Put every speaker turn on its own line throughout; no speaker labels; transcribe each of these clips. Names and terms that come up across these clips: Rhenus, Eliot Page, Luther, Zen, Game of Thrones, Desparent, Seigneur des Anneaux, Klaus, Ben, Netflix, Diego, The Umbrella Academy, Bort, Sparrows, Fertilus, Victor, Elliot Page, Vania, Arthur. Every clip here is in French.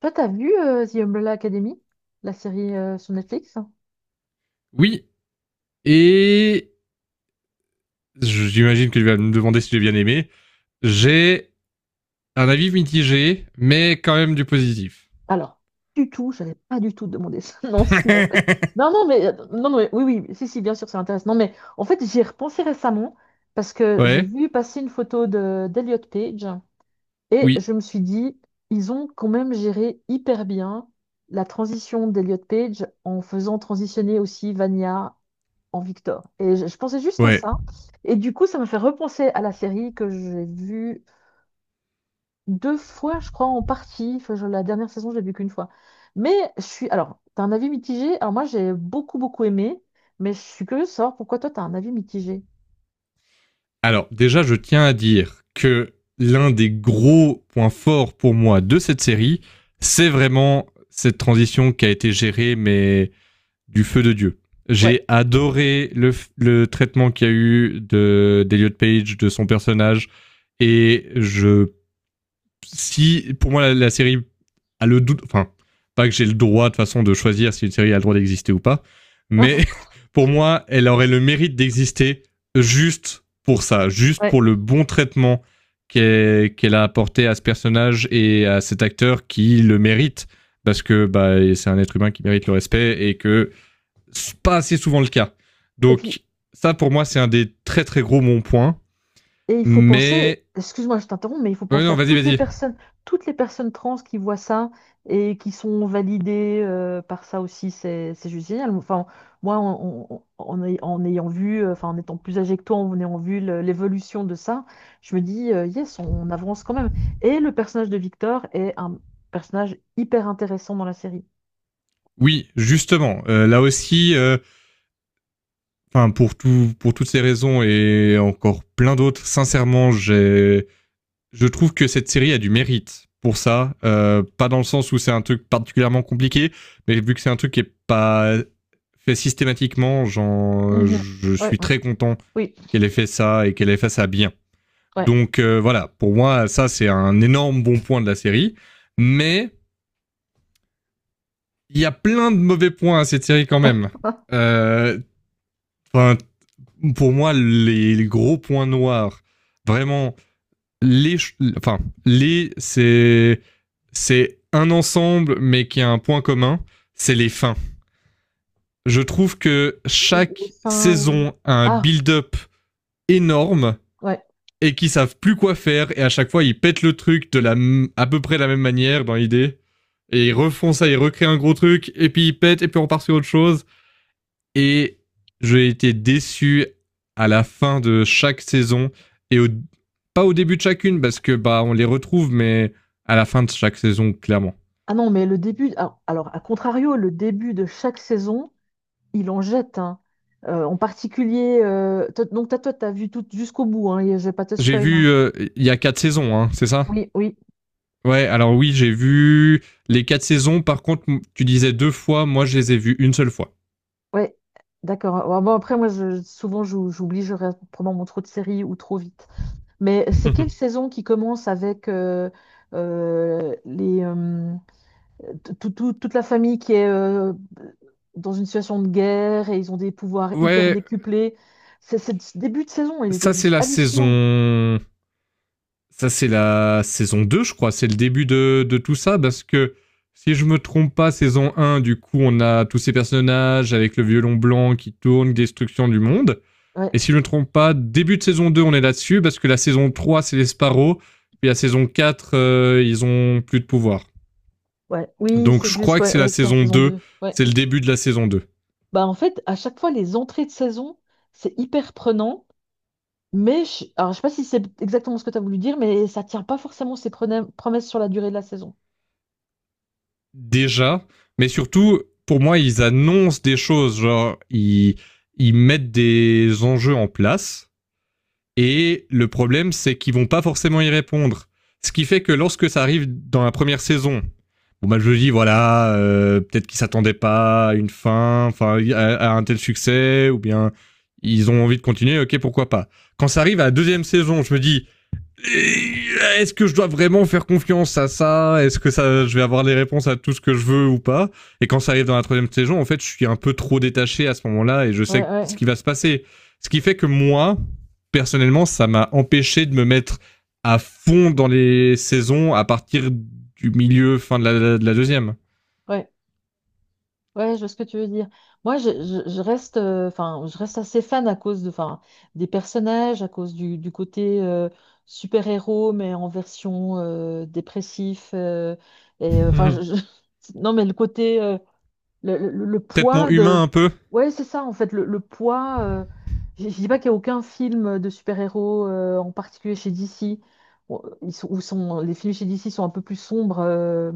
Toi, t'as vu The Umbrella Academy, la série sur Netflix?
Oui, et j'imagine que tu vas me demander si j'ai bien aimé. J'ai un avis mitigé, mais quand même du positif.
Alors, du tout, je n'avais pas du tout demandé ça. Non, si, en fait. Non, non, mais, non, non, mais- oui, oui, si, si, bien sûr, ça m'intéresse. Non, mais en fait, j'y ai repensé récemment parce que j'ai
ouais,
vu passer une photo de d'Elliot Page et
oui,
je me suis dit, ils ont quand même géré hyper bien la transition d'Elliot Page en faisant transitionner aussi Vania en Victor. Et je pensais juste à
ouais.
ça. Et du coup, ça m'a fait repenser à la série que j'ai vue deux fois, je crois, en partie. Enfin, la dernière saison, je l'ai vu qu'une fois. Mais je suis. Alors, t'as un avis mitigé? Alors, moi, j'ai beaucoup, beaucoup aimé, mais je suis curieuse de savoir pourquoi toi, t'as un avis mitigé.
Alors déjà, je tiens à dire que l'un des gros points forts pour moi de cette série, c'est vraiment cette transition qui a été gérée, mais du feu de Dieu.
Ouais.
J'ai adoré le traitement qu'il y a eu de d'Eliot Page, de son personnage, et je si pour moi la série a le doute, enfin pas que j'ai le droit de façon de choisir si une série a le droit d'exister ou pas, mais pour moi elle aurait le mérite d'exister juste pour ça, juste
Ouais.
pour le bon traitement qu'elle a apporté à ce personnage et à cet acteur qui le mérite parce que bah, c'est un être humain qui mérite le respect et que c'est pas assez souvent le cas.
Et puis,
Donc ça pour moi c'est un des très très gros bons points,
et il faut penser,
mais
excuse-moi, je t'interromps, mais il faut
Ouais,
penser
non,
à
vas-y, vas-y.
toutes les personnes trans qui voient ça et qui sont validées par ça aussi, c'est juste génial. Enfin, moi, en ayant vu, enfin, en étant plus âgé que toi, en ayant vu l'évolution de ça, je me dis, yes, on avance quand même. Et le personnage de Victor est un personnage hyper intéressant dans la série.
Oui, justement. Là aussi, enfin pour tout, pour toutes ces raisons et encore plein d'autres, sincèrement, j'ai, je trouve que cette série a du mérite pour ça. Pas dans le sens où c'est un truc particulièrement compliqué, mais vu que c'est un truc qui est pas fait systématiquement,
Mhm.
je
Ouais,
suis
ouais,
très content
oui,
qu'elle ait fait ça et qu'elle ait fait ça bien.
ouais.
Donc voilà, pour moi, ça c'est un énorme bon point de la série. Mais il y a plein de mauvais points à cette série quand même. Euh, Enfin, pour moi, les gros points noirs, vraiment, les, enfin, les, c'est, c'est un ensemble, mais qui a un point commun, c'est les fins. Je trouve que chaque
Enfin,
saison a un
ah,
build-up énorme
ouais.
et qui savent plus quoi faire et à chaque fois ils pètent le truc de la à peu près la même manière dans l'idée et ils refont ça, ils recréent un gros truc et puis ils pètent et puis on part sur autre chose. Et j'ai été déçu à la fin de chaque saison et au- pas au début de chacune parce que bah on les retrouve, mais à la fin de chaque saison clairement.
Ah non, mais le début, ah, alors à contrario, le début de chaque saison, il en jette, hein. En particulier, donc toi, t'as vu tout jusqu'au bout, hein, et je vais pas te
J'ai
spoil,
vu
hein.
il y a quatre saisons, hein, c'est ça?
Oui, oui,
Ouais, alors oui, j'ai vu les quatre saisons. Par contre, tu disais deux fois, moi je les ai vues une seule fois.
ouais, d'accord. Ouais, bon, après, moi, souvent, j'oublie, je regarde probablement trop de séries ou trop vite. Mais c'est quelle saison qui commence avec euh, les, euh, toute la famille qui est dans une situation de guerre et ils ont des pouvoirs hyper
ouais,
décuplés. Ce début de saison, il était
ça c'est
juste
la
hallucinant.
saison. Ça, c'est la saison 2, je crois. C'est le début de tout ça, parce que si je me trompe pas, saison un, du coup, on a tous ces personnages avec le violon blanc qui tourne, destruction du monde.
Ouais,
Et si je ne me trompe pas, début de saison 2, on est là-dessus, parce que la saison 3 c'est les Sparrows. Puis la saison 4 ils ont plus de pouvoir.
ouais, oui,
Donc
c'est
je
juste,
crois que c'est la
c'est la
saison
saison
deux,
2. Ouais.
c'est le début de la saison deux.
Bah, en fait, à chaque fois, les entrées de saison, c'est hyper prenant, mais alors, je sais pas si c'est exactement ce que tu as voulu dire, mais ça tient pas forcément ses promesses sur la durée de la saison.
Déjà, mais surtout, pour moi, ils annoncent des choses, genre, ils mettent des enjeux en place. Et le problème, c'est qu'ils vont pas forcément y répondre. Ce qui fait que lorsque ça arrive dans la première saison, bon bah je dis voilà, peut-être qu'ils s'attendaient pas à une fin, enfin à un tel succès, ou bien ils ont envie de continuer, ok pourquoi pas. Quand ça arrive à la deuxième saison, je me dis est-ce que je dois vraiment faire confiance à ça? Est-ce que ça, je vais avoir les réponses à tout ce que je veux ou pas? Et quand ça arrive dans la troisième saison, en fait, je suis un peu trop détaché à ce moment-là et je
Ouais,
sais
ouais,
ce qui va se passer. Ce qui fait que moi, personnellement, ça m'a empêché de me mettre à fond dans les saisons à partir du milieu, fin de de la deuxième.
ouais. Ouais, je vois ce que tu veux dire. Moi, je reste, enfin, je reste assez fan à cause de, enfin, des personnages, à cause du côté super-héros, mais en version dépressif. Et enfin, non, mais le côté le
Traitement
poids de...
humain un peu.
Ouais, c'est ça, en fait, le poids... je ne dis pas qu'il n'y a aucun film de super-héros, en particulier chez DC. Bon, ils sont, où sont, les films chez DC sont un peu plus sombres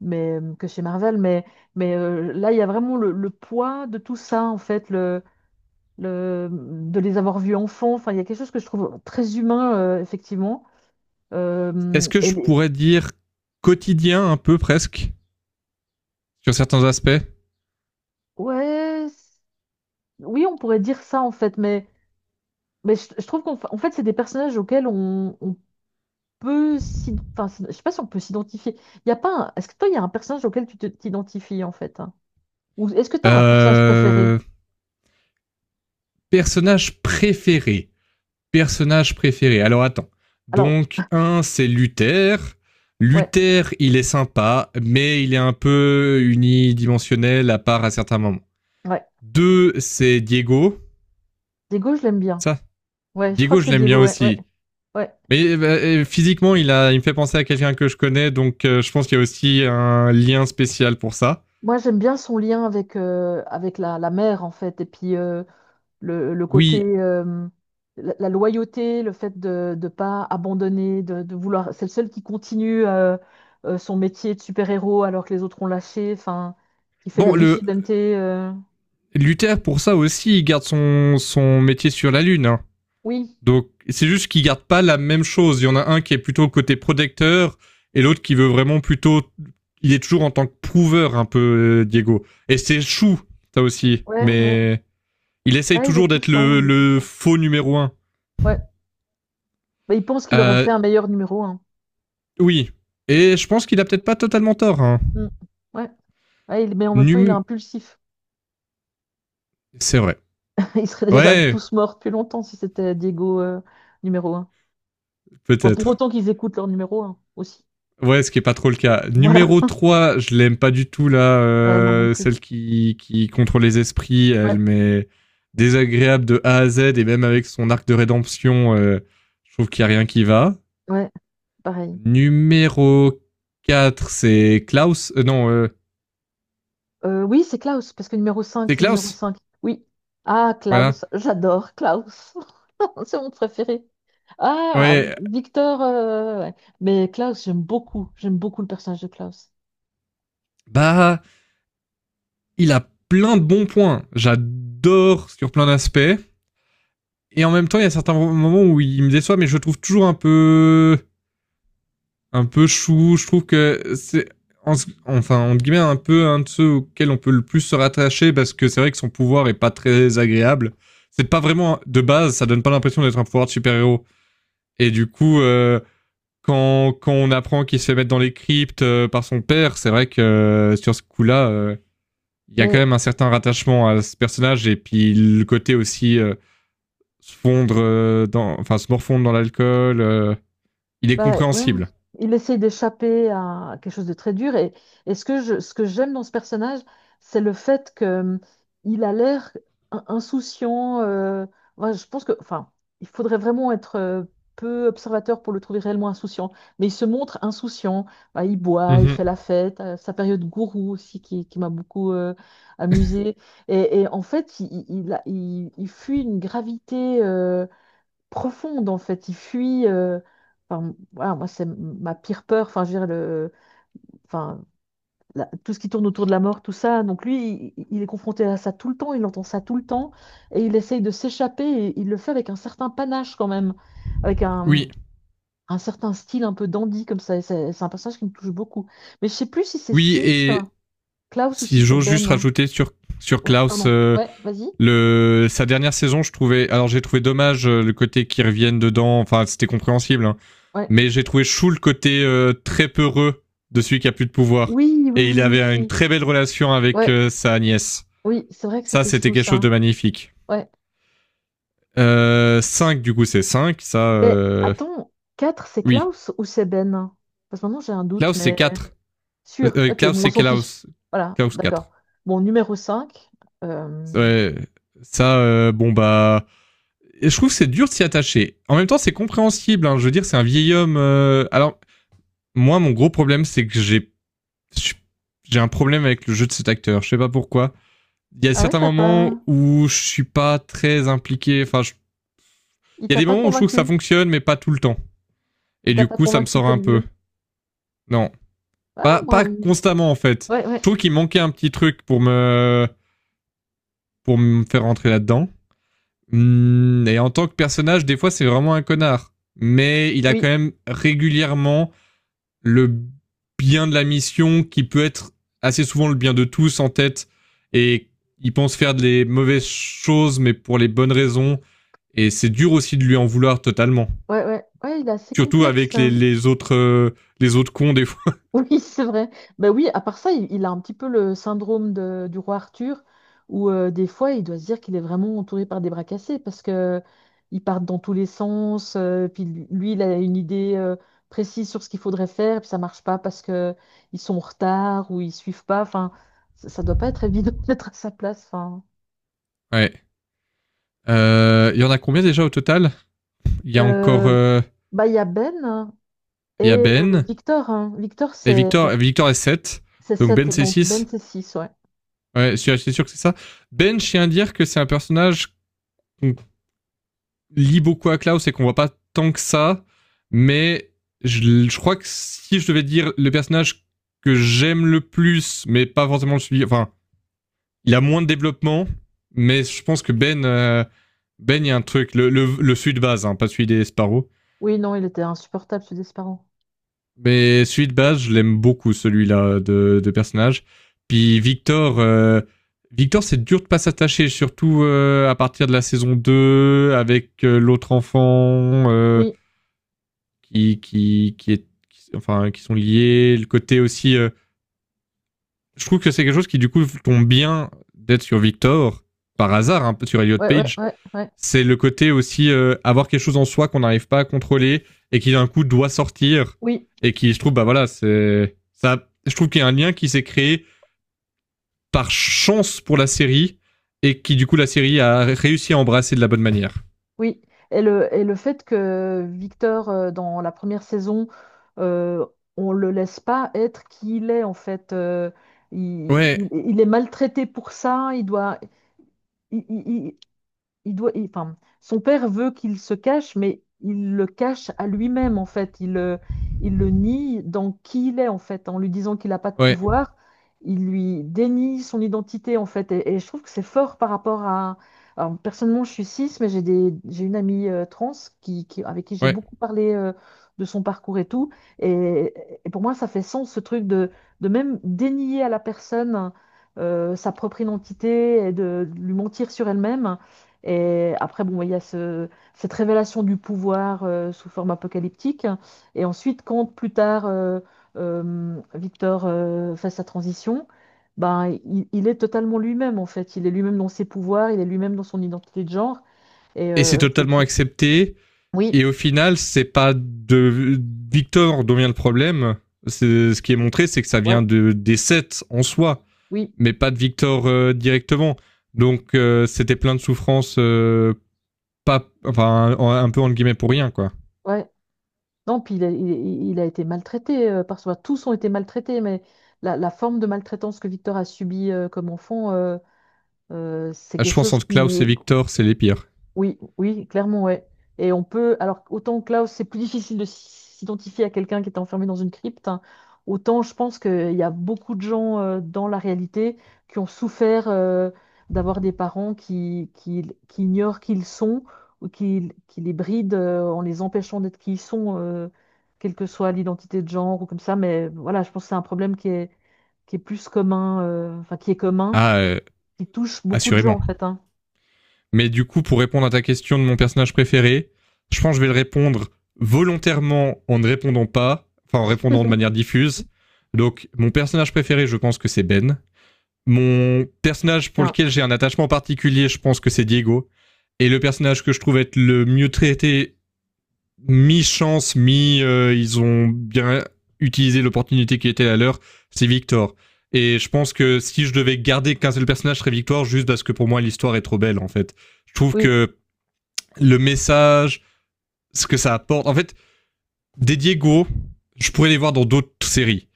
mais, que chez Marvel, mais là, il y a vraiment le poids de tout ça, en fait, de les avoir vus enfants. Enfin, il y a quelque chose que je trouve très humain, effectivement.
Est-ce
Euh,
que
et
je
les-
pourrais dire quotidien un peu presque sur certains aspects?
Ouais, oui, on pourrait dire ça, en fait, mais... Mais je trouve en fait, c'est des personnages auxquels on peut s'y... Enfin, je sais pas si on peut s'identifier. Il y a pas un- Est-ce que toi, il y a un personnage auquel t'identifies, en fait, hein? Ou est-ce que tu as un personnage préféré?
euh... Personnage préféré. Personnage préféré? Alors attends.
Alors,
Donc un, c'est Luther.
ouais,
Luther, il est sympa, mais il est un peu unidimensionnel à part à certains moments.
ouais.
Deux, c'est Diego.
Diego, je l'aime bien.
Ça,
Ouais, je crois
Diego,
que
je
c'est
l'aime
Diego,
bien aussi.
ouais.
Mais bah, physiquement, il me fait penser à quelqu'un que je connais, donc je pense qu'il y a aussi un lien spécial pour ça.
Moi, j'aime bien son lien avec, avec la mère, en fait. Et puis, le côté,
Oui.
la loyauté, le fait de ne pas abandonner, de vouloir. C'est le seul qui continue son métier de super-héros alors que les autres ont lâché, enfin, qui fait le
Bon, le
vigilante.
Luther, pour ça aussi, il garde son métier sur la Lune. Hein.
Oui,
Donc c'est juste qu'ils gardent pas la même chose. Il y en a un qui est plutôt côté protecteur et l'autre qui veut vraiment plutôt. Il est toujours en tant que prouveur un peu Diego. Et c'est chou ça aussi,
ouais, ouais.
mais il essaye
Ouais, il est
toujours d'être
touchant, il est
le
touchant.
faux numéro un.
Ouais. Mais il pense qu'il aurait
Euh,
fait un meilleur numéro un.
oui. Et je pense qu'il a peut-être pas totalement tort. Hein.
Mm. Ouais. Ouais, mais en même temps, il est
Num-
impulsif.
C'est vrai.
Ils seraient déjà
Ouais,
tous morts depuis longtemps si c'était Diego numéro un. Bon, pour
peut-être.
autant qu'ils écoutent leur numéro un aussi.
Ouais, ce qui est pas trop le cas.
Voilà.
Numéro 3, je l'aime pas du tout là,
Ouais, moi non plus.
celle qui contrôle les esprits, elle
Ouais.
m'est désagréable de A à Z et même avec son arc de rédemption, je trouve qu'il y a rien qui va.
Ouais. Pareil.
Numéro 4, c'est Klaus. Non,
Oui, c'est Klaus, parce que numéro 5
c'est
c'est numéro
Klaus.
cinq. Oui. Ah,
Voilà.
Klaus, j'adore Klaus. C'est mon préféré. Ah,
Ouais,
Victor, ouais. Mais Klaus, j'aime beaucoup. J'aime beaucoup le personnage de Klaus.
bah il a plein de bons points. J'adore sur plein d'aspects. Et en même temps, il y a certains moments où il me déçoit, mais je le trouve toujours un peu chou. Je trouve que c'est en- enfin entre guillemets un peu un de ceux auxquels on peut le plus se rattacher parce que c'est vrai que son pouvoir est pas très agréable. C'est pas vraiment de base, ça donne pas l'impression d'être un pouvoir de super-héros. Et du coup, quand on apprend qu'il se fait mettre dans les cryptes par son père, c'est vrai que sur ce coup-là, il y a quand
Mais
même un certain rattachement à ce personnage et puis le côté aussi se fondre enfin se morfondre dans l'alcool, il est
bah ouais,
compréhensible.
il essaye d'échapper à quelque chose de très dur. Et ce que ce que j'aime dans ce personnage, c'est le fait que il a l'air insouciant. Ouais, je pense que, enfin, il faudrait vraiment être peu observateur pour le trouver réellement insouciant. Mais il se montre insouciant. Bah, il boit, il fait
Mhm.
la fête. Sa période gourou aussi qui m'a beaucoup amusée. Et en fait, il fuit une gravité. Profonde en fait. Il fuit. Enfin, voilà, moi c'est ma pire peur. Enfin, je veux dire le, enfin tout ce qui tourne autour de la mort, tout ça. Donc lui, il est confronté à ça tout le temps. Il entend ça tout le temps et il essaye de s'échapper. Et il le fait avec un certain panache quand même, avec
Oui,
un certain style un peu dandy comme ça. Et c'est un personnage qui me touche beaucoup. Mais je sais plus si c'est
oui,
6
et
Klaus ou
si
si c'est
j'ose juste
Ben, hein.
rajouter sur
Ouais,
Klaus,
pardon. Ouais, vas-y.
le sa dernière saison, je trouvais. Alors j'ai trouvé dommage le côté qui revienne dedans. Enfin, c'était compréhensible, hein.
Ouais.
Mais j'ai trouvé chou le côté très peureux de celui qui a plus de pouvoir.
Oui, oui,
Et
oui,
il avait une
oui.
très belle relation avec
Ouais,
sa nièce.
oui, c'est vrai que
Ça,
c'était
c'était
chou
quelque chose
ça.
de magnifique.
Ouais.
5, du coup, c'est cinq. Ça,
Mais attends, 4 c'est
oui.
Klaus ou c'est Ben? Parce que maintenant j'ai un doute,
Klaus, c'est
mais
4.
sûr. Ok,
Klaus,
bon, on
c'est
s'en fiche.
Klaus.
Voilà,
Klaus
d'accord.
quatre.
Bon, numéro 5. euh,
Ouais, ça, bon, bah je trouve que c'est dur de s'y attacher. En même temps, c'est compréhensible. Hein. Je veux dire, c'est un vieil homme. Alors, moi, mon gros problème, c'est que j'ai un problème avec le jeu de cet acteur. Je sais pas pourquoi. Il y a
Ah ouais,
certains
t'as pas...
moments où je suis pas très impliqué. Enfin, je-
Il
il y a
t'a
des
pas
moments où je trouve que ça
convaincu.
fonctionne, mais pas tout le temps.
Il
Et
t'a
du
pas
coup, ça me
convaincu
sort un
comme
peu.
vieux.
Non,
Ah, moi...
pas constamment en fait.
ouais,
Je
ouais.
trouve qu'il manquait un petit truc pour me faire rentrer là-dedans. Et en tant que personnage, des fois, c'est vraiment un connard. Mais il a quand
Oui,
même régulièrement le bien de la mission qui peut être assez souvent le bien de tous en tête et il pense faire des mauvaises choses mais pour les bonnes raisons et c'est dur aussi de lui en vouloir totalement.
ouais, ouais. Ouais, il est assez
Surtout
complexe.
avec les autres cons des fois.
Oui, c'est vrai. Ben oui, à part ça, il a un petit peu le syndrome du roi Arthur, où des fois, il doit se dire qu'il est vraiment entouré par des bras cassés, parce que ils partent dans tous les sens, puis lui, il a une idée précise sur ce qu'il faudrait faire, puis ça marche pas parce que ils sont en retard ou ils suivent pas. Enfin, ça doit pas être évident d'être à sa place. Enfin,
Ouais. Il y en a combien déjà au total? Il y a encore
Euh, bah, il y a Ben hein, et
il y a Ben
Victor, hein. Victor,
et Victor. Victor est sept.
c'est
Donc
sept,
Ben c'est
donc Ben,
six.
c'est six, ouais.
Ouais, c'est sûr que c'est ça. Ben, je tiens à dire que c'est un personnage qu'on lie beaucoup à Klaus et qu'on voit pas tant que ça, mais je crois que si je devais dire le personnage que j'aime le plus, mais pas forcément le suivi, enfin, il a moins de développement, mais je pense que Ben, il y a un truc, le celui de base, hein, pas celui des Sparrow,
Oui, non, il était insupportable, ce Desparent.
mais celui de base, je l'aime beaucoup, celui-là de personnage. Puis Victor, c'est dur de pas s'attacher, surtout à partir de la saison 2 avec l'autre enfant,
Oui.
enfin, qui sont liés. Le côté aussi, je trouve que c'est quelque chose qui du coup tombe bien d'être sur Victor par hasard, un peu sur Elliot
Ouais, ouais,
Page.
ouais, ouais.
C'est le côté aussi avoir quelque chose en soi qu'on n'arrive pas à contrôler et qui d'un coup doit sortir
Oui,
et qui, je trouve, bah voilà, c'est ça. Je trouve qu'il y a un lien qui s'est créé par chance pour la série et qui du coup la série a réussi à embrasser de la bonne manière.
oui. Et et le fait que Victor, dans la première saison, euh, on le laisse pas être qui il est, en fait. Il,
Ouais,
il est maltraité pour ça. Il, il- il doit, enfin, son père veut qu'il se cache, mais il le cache à lui-même, en fait. Il le nie dans qui il est, en fait. En lui disant qu'il n'a pas de
ouais,
pouvoir, il lui dénie son identité, en fait. Et je trouve que c'est fort par rapport à... alors, personnellement, je suis cis, mais j'ai une amie trans avec qui j'ai
ouais.
beaucoup parlé de son parcours et tout. Et, et pour moi, ça fait sens, ce truc de même dénier à la personne sa propre identité et de lui mentir sur elle-même. Et après, bon, bah, il y a cette révélation du pouvoir sous forme apocalyptique. Et ensuite, quand plus tard, Victor fait sa transition, ben, il est totalement lui-même, en fait. Il est lui-même dans ses pouvoirs, il est lui-même dans son identité de genre. Et
Et c'est totalement accepté.
oui,
Et au final, c'est pas de Victor dont vient le problème. C'est, ce qui est montré, c'est que ça vient
ouais,
des sets en soi,
oui,
mais pas de Victor directement. Donc c'était plein de souffrances, pas, enfin, un peu entre guillemets pour rien, quoi.
ouais. Non, puis il a été maltraité par soi. Tous ont été maltraités, mais la forme de maltraitance que Victor a subie comme enfant, c'est
Ah,
quelque
je pense
chose
entre Klaus et
qui,
Victor, c'est les pires.
oui, oui, clairement, ouais. Et on peut, alors autant que là, c'est plus difficile de s'identifier à quelqu'un qui est enfermé dans une crypte, hein, autant je pense qu'il y a beaucoup de gens dans la réalité qui ont souffert d'avoir des parents qui ignorent qui ils sont ou qui les brident en les empêchant d'être qui ils sont, quelle que soit l'identité de genre ou comme ça. Mais voilà, je pense que c'est un problème qui est plus commun, enfin qui est commun,
Ah, euh,
qui touche beaucoup de gens
assurément.
en fait, hein.
Mais du coup, pour répondre à ta question de mon personnage préféré, je pense que je vais le répondre volontairement en ne répondant pas, enfin en répondant de manière diffuse. Donc, mon personnage préféré, je pense que c'est Ben. Mon personnage pour
Enfin,
lequel j'ai un attachement particulier, je pense que c'est Diego. Et le personnage que je trouve être le mieux traité mi-chance, ils ont bien utilisé l'opportunité qui était la leur, c'est Victor. Et je pense que si je devais garder qu'un seul personnage, serait Victor, juste parce que pour moi, l'histoire est trop belle, en fait. Je trouve
oui.
que le message, ce que ça apporte, en fait, des Diego, je pourrais les voir dans d'autres séries.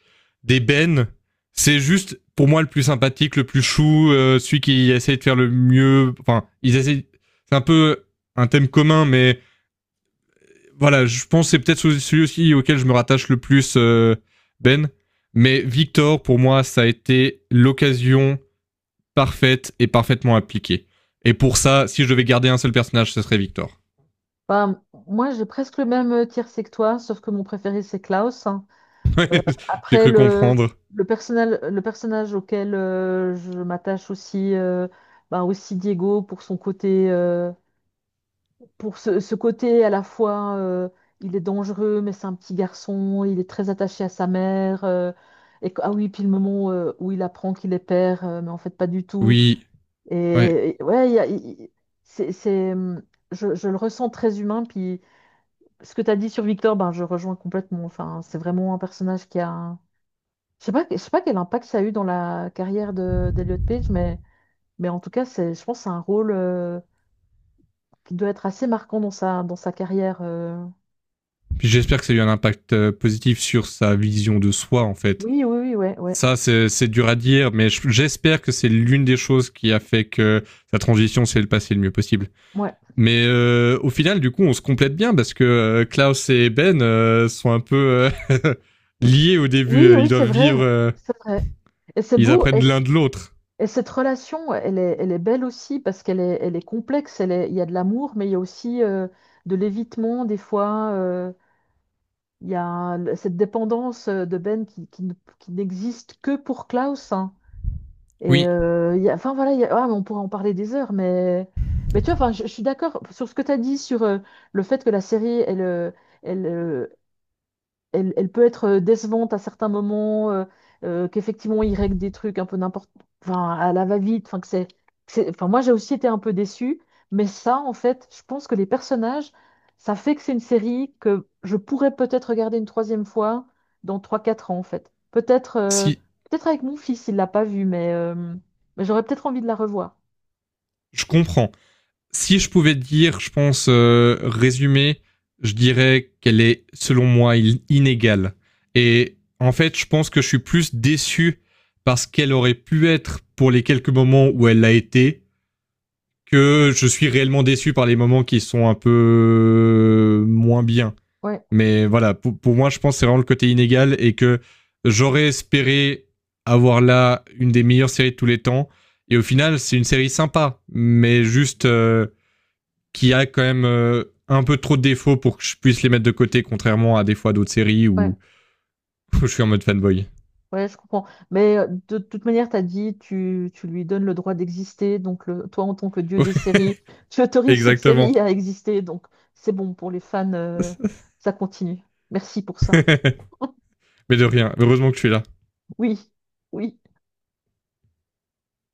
Des Ben, c'est juste, pour moi, le plus sympathique, le plus chou, celui qui essaie de faire le mieux, enfin, ils essaient, c'est un peu un thème commun, mais voilà, je pense que c'est peut-être celui aussi auquel je me rattache le plus, Ben. Mais Victor, pour moi, ça a été l'occasion parfaite et parfaitement appliquée. Et pour ça, si je devais garder un seul personnage, ce serait Victor.
Ben, moi, j'ai presque le même tiercé que toi, sauf que mon préféré, c'est Klaus, hein. Euh,
J'ai
après,
cru comprendre.
le personnage auquel je m'attache aussi, ben, aussi Diego, pour son côté, pour ce côté à la fois, il est dangereux, mais c'est un petit garçon, il est très attaché à sa mère. Et, ah oui, puis le moment où il apprend qu'il est père, mais en fait, pas du tout.
Oui, ouais.
Et ouais, il y a- il- c'est, je le ressens très humain, puis. Ce que tu as dit sur Victor, ben, je rejoins complètement. Enfin, c'est vraiment un personnage qui a. Je sais pas quel impact ça a eu dans la carrière de d'Elliot Page, mais en tout cas, c'est, je pense que c'est un rôle qui doit être assez marquant dans sa carrière.
Puis j'espère que ça a eu un impact positif sur sa vision de soi, en fait.
Oui, oui, oui,
Ça, c'est dur à dire, mais j'espère que c'est l'une des choses qui a fait que sa transition s'est passée le mieux possible.
ouais.
Mais au final, du coup, on se complète bien parce que Klaus et sont un peu liés au
Oui,
début.
oui,
Ils
c'est
doivent
vrai.
vivre,
C'est vrai. Et c'est
ils
beau.
apprennent l'un de l'autre.
Et cette relation, elle est belle aussi parce elle est complexe. Il y a de l'amour, mais il y a aussi de l'évitement des fois. Il y a cette dépendance de Ben qui ne- qui n'existe que pour Klaus, hein. Et
Oui,
enfin voilà, ah, mais on pourrait en parler des heures, mais tu vois, enfin, je suis d'accord sur ce que tu as dit sur le fait que la série, elle, euh, elle peut être décevante à certains moments, qu'effectivement, il règle des trucs un peu n'importe, enfin, à la va-vite, enfin, enfin, moi, j'ai aussi été un peu déçue, mais ça, en fait, je pense que les personnages, ça fait que c'est une série que je pourrais peut-être regarder une troisième fois dans trois quatre ans, en fait. Peut-être,
si
peut-être avec mon fils, il l'a pas vue, mais j'aurais peut-être envie de la revoir.
je comprends. Si je pouvais dire, je pense, résumer, je dirais qu'elle est, selon moi, inégale. Et en fait, je pense que je suis plus déçu parce qu'elle aurait pu être pour les quelques moments où elle l'a été que je suis réellement déçu par les moments qui sont un peu moins bien.
Ouais,
Mais voilà, pour moi, je pense que c'est vraiment le côté inégal et que j'aurais espéré avoir là une des meilleures séries de tous les temps. Et au final, c'est une série sympa, mais juste qui a quand même un peu trop de défauts pour que je puisse les mettre de côté, contrairement à des fois d'autres séries
ouais.
où, où je suis en mode fanboy.
Ouais, je comprends. Mais de toute manière, tu as dit, tu lui donnes le droit d'exister. Donc, toi, en tant que dieu des séries, tu autorises cette
Exactement.
série à exister. Donc, c'est bon pour les fans. Ça continue. Merci pour ça.
mais de rien. Heureusement que je suis là.
Oui, oui.